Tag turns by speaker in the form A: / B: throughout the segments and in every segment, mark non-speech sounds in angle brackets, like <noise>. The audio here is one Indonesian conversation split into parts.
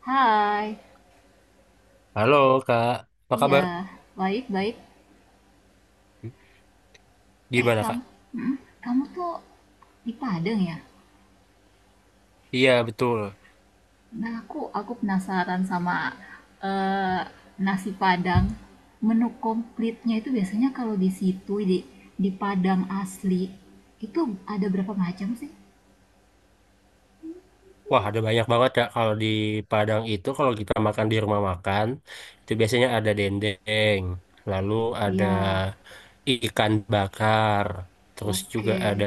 A: Hai.
B: Halo Kak, apa kabar?
A: Iya, baik-baik. Eh,
B: Gimana
A: kamu,
B: Kak?
A: mm, kamu tuh di Padang ya?
B: Iya betul.
A: Nah, aku penasaran sama eh, nasi Padang. Menu komplitnya itu biasanya kalau di situ di Padang asli itu ada berapa macam sih?
B: Wah ada banyak banget Kak, kalau di Padang itu kalau kita makan di rumah makan itu biasanya ada dendeng, lalu ada
A: Iya,
B: ikan bakar, terus juga
A: oke.
B: ada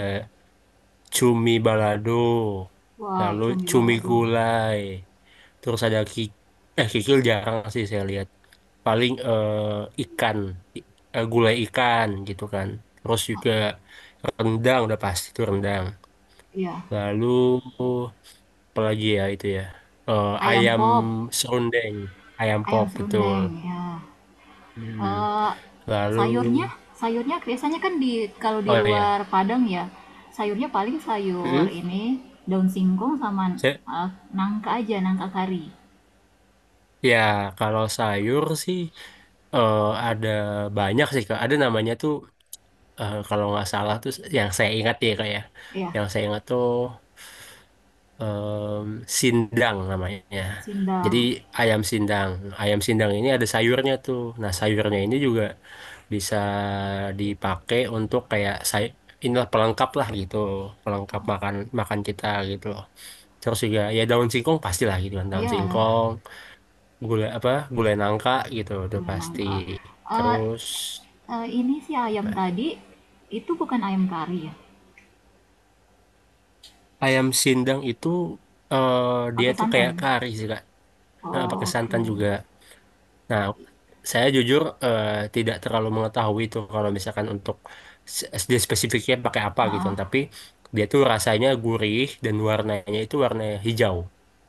B: cumi balado,
A: Wow,
B: lalu
A: cumi
B: cumi
A: balado.
B: gulai, terus ada kikil, jarang sih saya lihat. Paling ikan, i- gulai ikan gitu kan. Terus juga rendang udah pasti itu rendang.
A: Iya,
B: Lalu apalagi ya itu ya. Eh,
A: ayam
B: ayam
A: pop,
B: serundeng, ayam
A: ayam
B: pop betul.
A: serundeng, ya.
B: Hmm.
A: Eee,
B: Lalu
A: sayurnya sayurnya biasanya kan di kalau di
B: oh
A: luar
B: ya.
A: Padang ya, sayurnya paling sayur
B: Hmm.
A: ini, daun singkong sama,
B: Saya,
A: eee, nangka aja, nangka kari.
B: ya kalau sayur sih, eh, ada banyak sih Kak. Ada namanya tuh, kalau nggak salah tuh, yang saya ingat ya Kak ya.
A: Ya,
B: Yang saya ingat tuh, sindang namanya. Jadi
A: sindang.
B: ayam sindang. Ayam sindang ini ada sayurnya tuh. Nah, sayurnya ini juga bisa dipakai untuk, kayak saya, inilah pelengkap lah gitu, pelengkap makan makan kita gitu loh. Terus juga ya, daun singkong pastilah gitu kan, daun
A: Ya,
B: singkong, gula apa, gulai nangka gitu udah
A: gulai
B: pasti.
A: nangka. Eee
B: Terus
A: eee, ini si ayam
B: apa, ya,
A: tadi, itu bukan ayam kari ya?
B: ayam sindang itu, eh, dia
A: Pakai
B: tuh
A: santan?
B: kayak kari sih Kak. Pakai
A: Oh, oke,
B: santan juga. Nah, saya jujur tidak terlalu mengetahui itu, kalau misalkan untuk SD spesifiknya pakai apa gitu.
A: nah.
B: Tapi dia tuh rasanya gurih dan warnanya itu warna hijau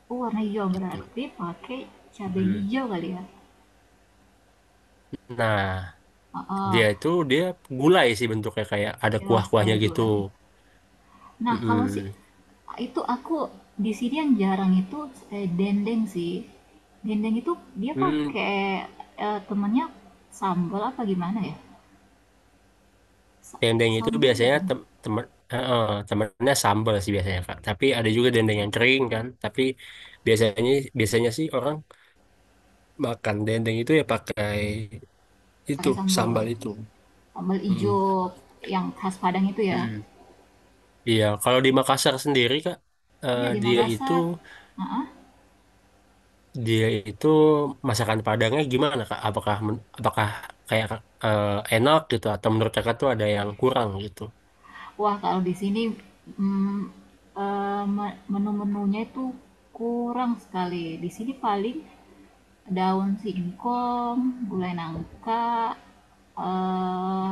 A: Oh, warna hijau,
B: gitu.
A: berarti pakai cabai
B: Mm.
A: hijau kali ya?
B: Nah,
A: Ah, ah.
B: dia itu dia gulai sih bentuknya, kayak ada
A: Ya,
B: kuah-kuahnya
A: kayak
B: gitu.
A: gulai. Nah, kalau si
B: Mm-mm.
A: itu aku di sini yang jarang itu dendeng sih. Dendeng itu dia
B: Hmm,
A: pakai temennya sambal apa gimana ya?
B: dendeng itu
A: Sambal
B: biasanya
A: bukan?
B: eh, eh, temennya sambal sih biasanya Kak. Tapi ada juga dendeng yang kering kan. Tapi biasanya biasanya sih orang makan dendeng itu ya pakai itu
A: Pakai sambal,
B: sambal itu.
A: sambal ijo
B: Mm.
A: yang khas Padang itu ya.
B: mm Iya, kalau di Makassar sendiri Kak, eh,
A: Iya, di
B: dia itu
A: Makassar. Ah, ah.
B: dia itu masakan Padangnya gimana Kak? Apakah apakah kayak eh, enak gitu, atau menurut Kakak tuh ada yang kurang gitu?
A: Wah, kalau di sini mm, menu-menunya itu kurang sekali. Di sini paling daun singkong, gulai nangka, eh,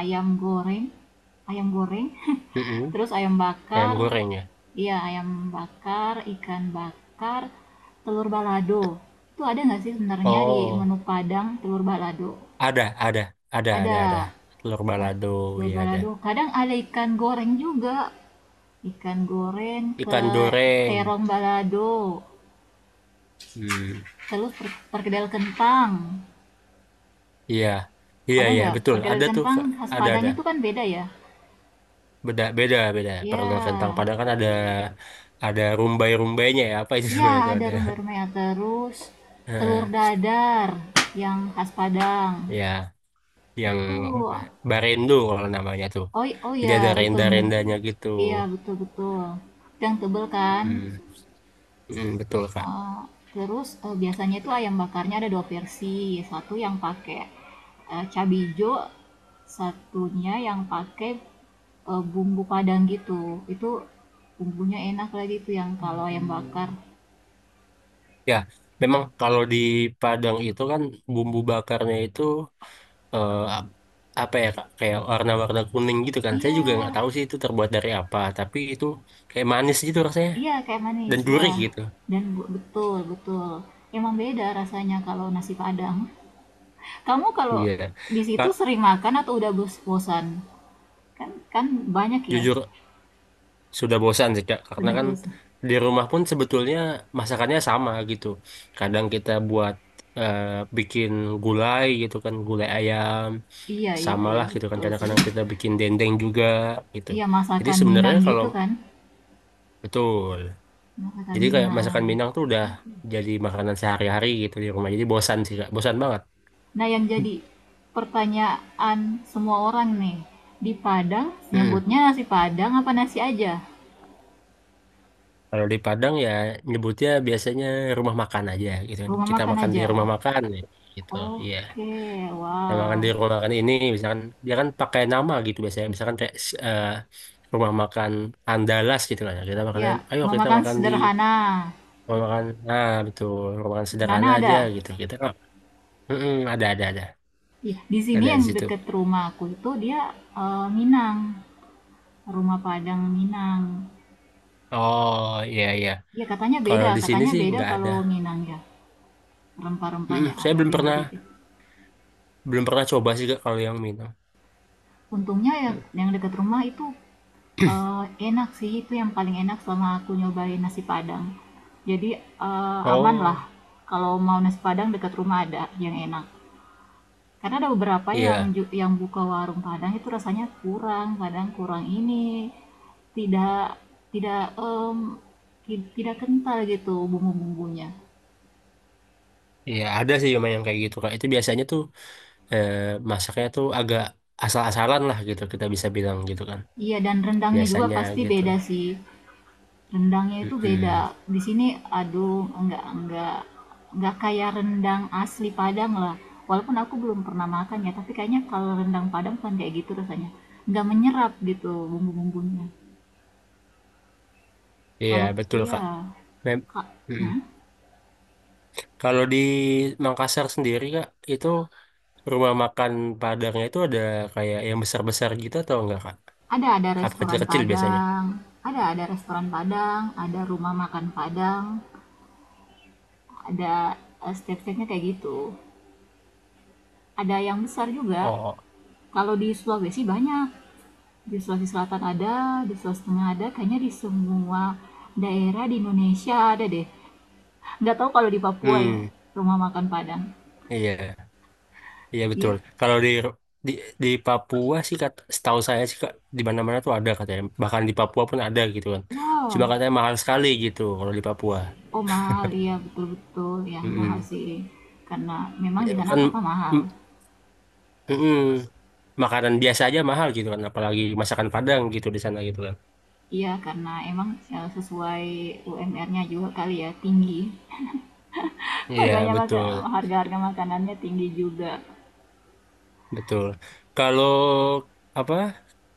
A: ayam goreng, ayam goreng, <laughs>
B: Mm-mm.
A: terus ayam
B: Ayam
A: bakar,
B: goreng ya?
A: iya ayam bakar, ikan bakar, telur balado. Itu ada nggak sih sebenarnya di
B: Oh,
A: menu Padang telur balado?
B: ada, ada, ada, ada.
A: Ada
B: Telur
A: eh,
B: balado,
A: telur
B: ya ada.
A: balado. Kadang ada ikan goreng juga. Ikan goreng,
B: Ikan
A: te-
B: goreng.
A: terong balado,
B: Hmm.
A: telur perkedel kentang.
B: Iya, iya,
A: Ada
B: iya,
A: nggak?
B: betul.
A: Perkedel
B: Ada tuh,
A: kentang
B: Kak.
A: khas
B: Ada,
A: Padang
B: ada.
A: itu kan beda ya?
B: Beda, beda, beda. Perkedel kentang
A: Ya,
B: Padang kan ada rumbai-rumbainya ya. Apa itu <laughs>
A: ya,
B: namanya itu
A: ada
B: ada.
A: rumah-rumahnya terus telur
B: Heeh,
A: dadar yang khas Padang
B: ya, yang
A: itu.
B: barendo kalau namanya tuh.
A: Oh, oh
B: Jadi
A: ya,
B: ada
A: betul bener.
B: renda-rendanya gitu.
A: Iya, betul betul, yang tebel kan.
B: Hmm, hmm, betul Kak.
A: Eee, terus, biasanya itu ayam bakarnya ada 2 versi, satu yang pakai, cabe ijo, satunya yang pakai, bumbu padang gitu. Itu bumbunya enak lagi tuh yang kalau ayam bakar. Mhm.
B: Ya, memang kalau di Padang itu kan bumbu bakarnya itu, eh, ap- apa ya Kak? Kayak warna-warna kuning gitu kan. Saya
A: Iya
B: juga nggak tahu sih itu terbuat dari apa, tapi itu kayak manis gitu rasanya
A: iya kayak manis,
B: dan
A: iya.
B: gurih gitu.
A: Dan betul betul, emang beda rasanya kalau nasi padang. Kamu kalau
B: Iya.
A: di situ
B: Kak,
A: sering makan atau udah bosan? Kan kan banyak ya,
B: jujur sudah bosan sih Kak, karena
A: sudah
B: kan
A: bosan.
B: di rumah pun sebetulnya masakannya sama gitu, kadang kita eh, bikin gulai gitu kan, gulai ayam,
A: Iya iya
B: sama
A: iya,
B: lah gitu kan,
A: betul sih.
B: kadang-kadang kita bikin dendeng juga gitu,
A: Iya,
B: jadi
A: masakan
B: sebenarnya
A: Minang
B: kalau,
A: gitu kan?
B: betul,
A: Masakan
B: jadi kayak
A: Minang.
B: masakan Minang tuh udah jadi makanan sehari-hari gitu di rumah, jadi bosan sih Kak, bosan banget.
A: Nah, yang jadi pertanyaan semua orang nih, di Padang
B: mm
A: nyebutnya nasi Padang apa nasi aja?
B: Kalau di Padang ya, nyebutnya biasanya rumah makan aja gitu kan.
A: Rumah
B: Kita
A: makan
B: makan di
A: aja.
B: rumah makan ya, gitu. Iya.
A: Oke,
B: Dagangan di
A: wow.
B: rumah makan ini, misalkan dia kan pakai nama gitu biasanya. Misalkan kayak eh, rumah makan Andalas gitu kan, ya. Kita makannya,
A: Ya,
B: "Ayo
A: rumah
B: kita
A: makan
B: makan di
A: sederhana.
B: rumah makan," nah betul, rumah makan sederhana
A: Sederhana
B: aja
A: ada.
B: gitu. Kita kan, "Mm-mm,
A: Iya, di sini
B: ada di
A: yang
B: situ."
A: deket rumah aku itu dia Minang, rumah Padang Minang.
B: Oh iya iya.
A: Iya,
B: Kalau di sini
A: katanya
B: sih
A: beda
B: nggak ada.
A: kalau Minang ya.
B: Mm-mm,
A: Rempah-rempahnya
B: saya
A: agak
B: belum
A: beda
B: pernah
A: dikit.
B: belum pernah coba sih Kak, kalau yang minum.
A: Untungnya ya
B: Mm.
A: yang dekat rumah itu,
B: <clears throat>
A: eee, enak sih, itu yang paling enak selama aku nyobain nasi Padang. Jadi, aman lah
B: Oh
A: kalau mau nasi Padang dekat rumah ada yang enak. Karena ada beberapa yang
B: iya
A: yang buka warung Padang itu rasanya kurang, kadang kurang ini, tidak tidak, mmm, ti tidak kental gitu bumbu-bumbunya.
B: iya, ada sih memang yang kayak gitu Kak. Itu biasanya tuh, eh, masaknya tuh agak asal-asalan lah gitu, kita bisa bilang gitu kan.
A: Iya dan rendangnya juga
B: Biasanya
A: pasti
B: gitu.
A: beda sih. Rendangnya itu beda.
B: Mm-mm.
A: Di sini aduh enggak enggak kayak rendang asli Padang lah. Walaupun aku belum pernah makan ya, tapi kayaknya kalau rendang Padang kan kayak gitu rasanya. Enggak menyerap gitu bumbu-bumbunya.
B: Iya,
A: Kalau
B: betul,
A: iya,
B: Kak. Mem
A: Kak, hmm?
B: Mm-mm. Kalau di Makassar sendiri, Kak, itu rumah makan Padangnya itu ada kayak yang besar-besar gitu atau enggak, Kak?
A: Ada
B: Apa
A: restoran
B: kecil-kecil biasanya?
A: Padang, ada restoran Padang, ada rumah makan Padang, ada step-stepnya kayak gitu. Ada yang besar juga.
B: Oh,
A: Kalau di Sulawesi banyak. Di Sulawesi Selatan ada, di Sulawesi Tengah ada, kayaknya di semua daerah di Indonesia ada deh. Nggak tahu kalau di Papua ya,
B: hmm,
A: rumah makan Padang.
B: iya, iya betul.
A: Iya.
B: Kalau di di di Papua sih, kata, setahu saya sih Kak, di mana-mana tuh ada katanya. Bahkan di Papua pun ada gitu kan. Cuma
A: Wow,
B: katanya mahal sekali gitu kalau di Papua.
A: oh mahal, iya betul-betul, ya mahal
B: Mm-mm.
A: sih. Karena memang di
B: Ya,
A: sana
B: kan,
A: apa-apa mahal.
B: mm, mm-mm. Makanan biasa aja mahal gitu kan, apalagi masakan Padang gitu di sana gitu kan.
A: Iya, karena emang ya, sesuai UMR-nya juga kali ya, tinggi. <laughs>
B: Iya
A: Makanya maka,
B: betul
A: harga-harga makanannya tinggi juga.
B: betul. Kalau apa,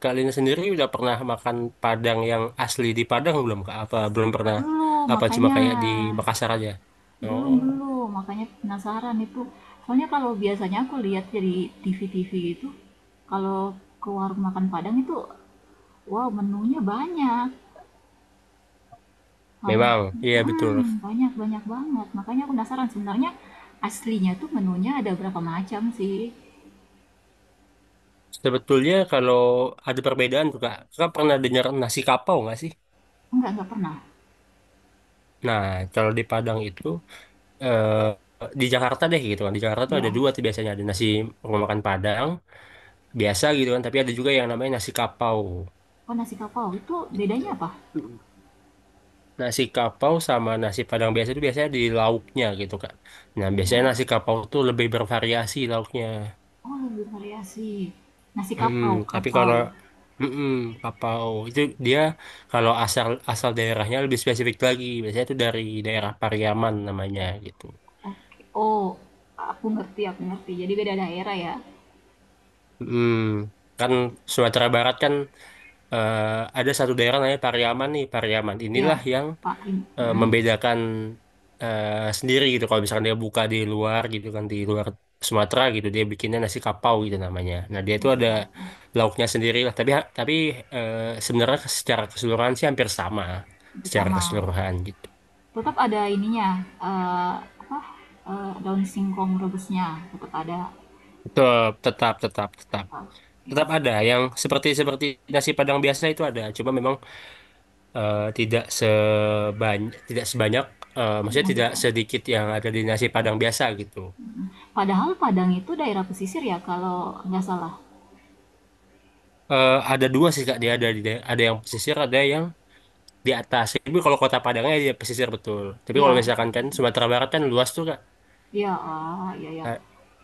B: kalian sendiri udah pernah makan Padang yang asli di Padang belum Kak? Apa belum pernah,
A: Dulu,
B: apa cuma
A: makanya.
B: kayak di Makassar aja?
A: Belum
B: Oh,
A: belum, makanya penasaran itu. Soalnya kalau biasanya aku lihat dari TV-TV gitu, kalau ke warung makan Padang itu, wow menunya banyak. Ham-
B: memang iya betul,
A: banyak banyak banget. Makanya aku penasaran sebenarnya aslinya tuh menunya ada berapa macam sih?
B: sebetulnya kalau ada perbedaan tuh Kak, Kakak pernah dengar nasi kapau nggak sih?
A: Enggak pernah.
B: Nah, kalau di Padang itu, eh, di Jakarta deh gitu kan, di Jakarta tuh ada
A: Ya.
B: dua tuh biasanya, ada nasi rumah makan Padang biasa gitu kan, tapi ada juga yang namanya nasi kapau
A: Oh, nasi kapau itu bedanya
B: gitu.
A: apa?
B: Nasi kapau sama nasi Padang biasa itu biasanya di lauknya gitu kan, nah biasanya
A: Oh,
B: nasi kapau tuh lebih bervariasi lauknya.
A: oh lebih variasi. Nasi
B: Mm-mm.
A: kapau,
B: Tapi
A: kapau.
B: kalau, mm-mm, kapau itu dia, kalau asal asal daerahnya lebih spesifik lagi biasanya itu dari daerah Pariaman namanya gitu.
A: Oke. Oh, aku ngerti, aku ngerti. Jadi beda daerah ya.
B: Mm. Kan Sumatera Barat kan, eh, ada satu daerah namanya Pariaman, nih Pariaman
A: Iya,
B: inilah yang
A: Pak in mhm,
B: membedakan, sendiri gitu, kalau misalkan dia buka di luar gitu kan, di luar Sumatera gitu, dia bikinnya nasi kapau gitu namanya. Nah dia itu
A: nasi
B: ada
A: kelapa
B: lauknya sendiri lah, tapi eh, sebenarnya secara keseluruhan sih hampir sama, secara
A: bersama.
B: keseluruhan gitu.
A: Tetap ada ininya, eee, apa, daun singkong rebusnya, tetap ada,
B: Tetap tetap tetap tetap
A: tetap, iya,
B: tetap ada yang seperti seperti nasi Padang biasa itu ada, cuma memang tidak sebanyak, maksudnya
A: nasi
B: tidak
A: padang
B: sedikit yang ada di nasi Padang biasa gitu.
A: padahal Padang itu daerah pesisir ya kalau nggak salah?
B: Ada dua sih Kak, dia ada di ada yang pesisir, ada yang di atas. Tapi kalau Kota Padangnya dia pesisir betul. Tapi kalau
A: Iya,
B: misalkan kan Sumatera Barat kan luas tuh Kak.
A: iya, ah iya ya.
B: Nah,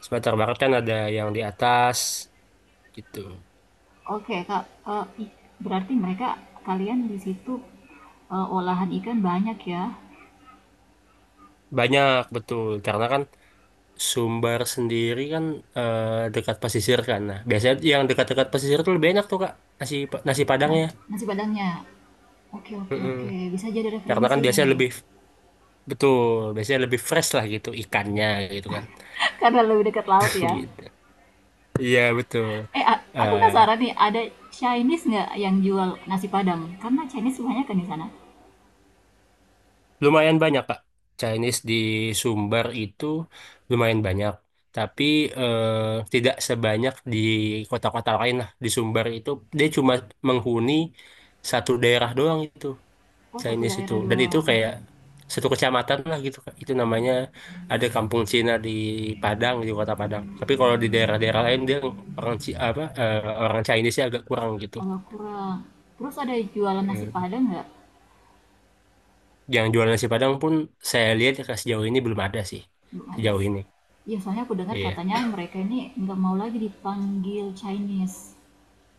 B: Sumatera Barat kan ada yang di atas gitu.
A: Oke, Kak, eee, i berarti mereka kalian di situ, olahan ikan banyak ya?
B: Banyak betul, karena kan Sumbar sendiri kan dekat pesisir kan. Nah, biasanya yang dekat-dekat pesisir tuh lebih enak tuh Kak, nasi nasi
A: Nas
B: Padangnya.
A: nasi Padangnya? Oke oke
B: Mm-mm.
A: oke, bisa jadi
B: Karena kan
A: referensi
B: biasanya
A: nih,
B: lebih, betul, biasanya lebih fresh lah gitu ikannya gitu kan.
A: <laughs> karena lebih dekat laut
B: <laughs>
A: ya.
B: Gitu. Iya betul.
A: Aku penasaran
B: Eh,
A: nih, ada Chinese nggak yang jual nasi Padang? Karena Chinese banyak kan di sana.
B: Lumayan banyak, Kak. Chinese di Sumbar itu lumayan banyak. Tapi tidak sebanyak di kota-kota lain lah. Di Sumbar itu dia cuma menghuni satu daerah doang itu,
A: Oh, satu
B: Chinese itu.
A: daerah
B: Dan itu
A: doang.
B: kayak satu kecamatan lah gitu, Kak. Itu namanya ada Kampung Cina di Padang, di kota Padang. Tapi kalau di daerah-daerah lain, dia orang Ci- apa eh, orang Chinese-nya agak kurang gitu.
A: Agak kurang. Terus ada jualan nasi
B: Eh,
A: Padang nggak?
B: Yang jualan nasi Padang pun, saya lihat ya, sejauh ini belum ada sih.
A: Belum ada.
B: Sejauh ini.
A: Iya, soalnya aku dengar
B: Iya,
A: katanya <coughs> mereka ini nggak mau lagi dipanggil Chinese.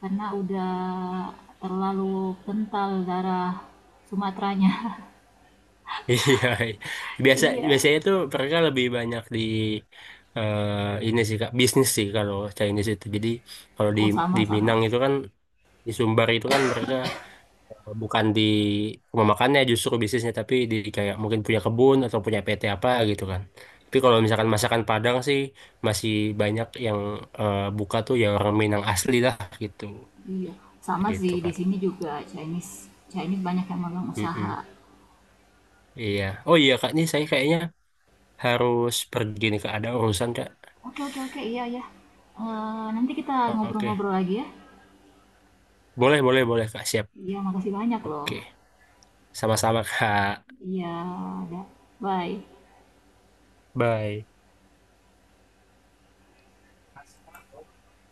A: Karena udah terlalu kental darah Sumateranya. <laughs>
B: <laughs> iya. Biasa
A: Iya.
B: biasanya tuh mereka lebih banyak di ini sih Kak, bisnis sih kalau Chinese itu. Jadi kalau di
A: Oh,
B: di
A: sama-sama.
B: Minang itu kan, di Sumbar itu kan, mereka bukan di rumah makannya justru bisnisnya, tapi di kayak mungkin punya kebun atau punya PT apa gitu kan. Tapi kalau misalkan masakan Padang sih masih banyak yang buka tuh, ya orang Minang asli lah gitu.
A: Iya. Sama
B: Gitu
A: sih, di
B: Kak.
A: sini juga Chinese. Chinese banyak yang megang
B: Mm-mm.
A: usaha.
B: Iya. Oh iya Kak, nih saya kayaknya harus pergi nih Kak. Ada urusan Kak.
A: Oke oke oke iya iya. Eh, nanti kita
B: Oke,
A: ngobrol-ngobrol lagi ya.
B: boleh, boleh, boleh, Kak. Siap.
A: Iya makasih banyak loh.
B: Oke, sama-sama, Kak.
A: Iya, ada. Bye.
B: Bye.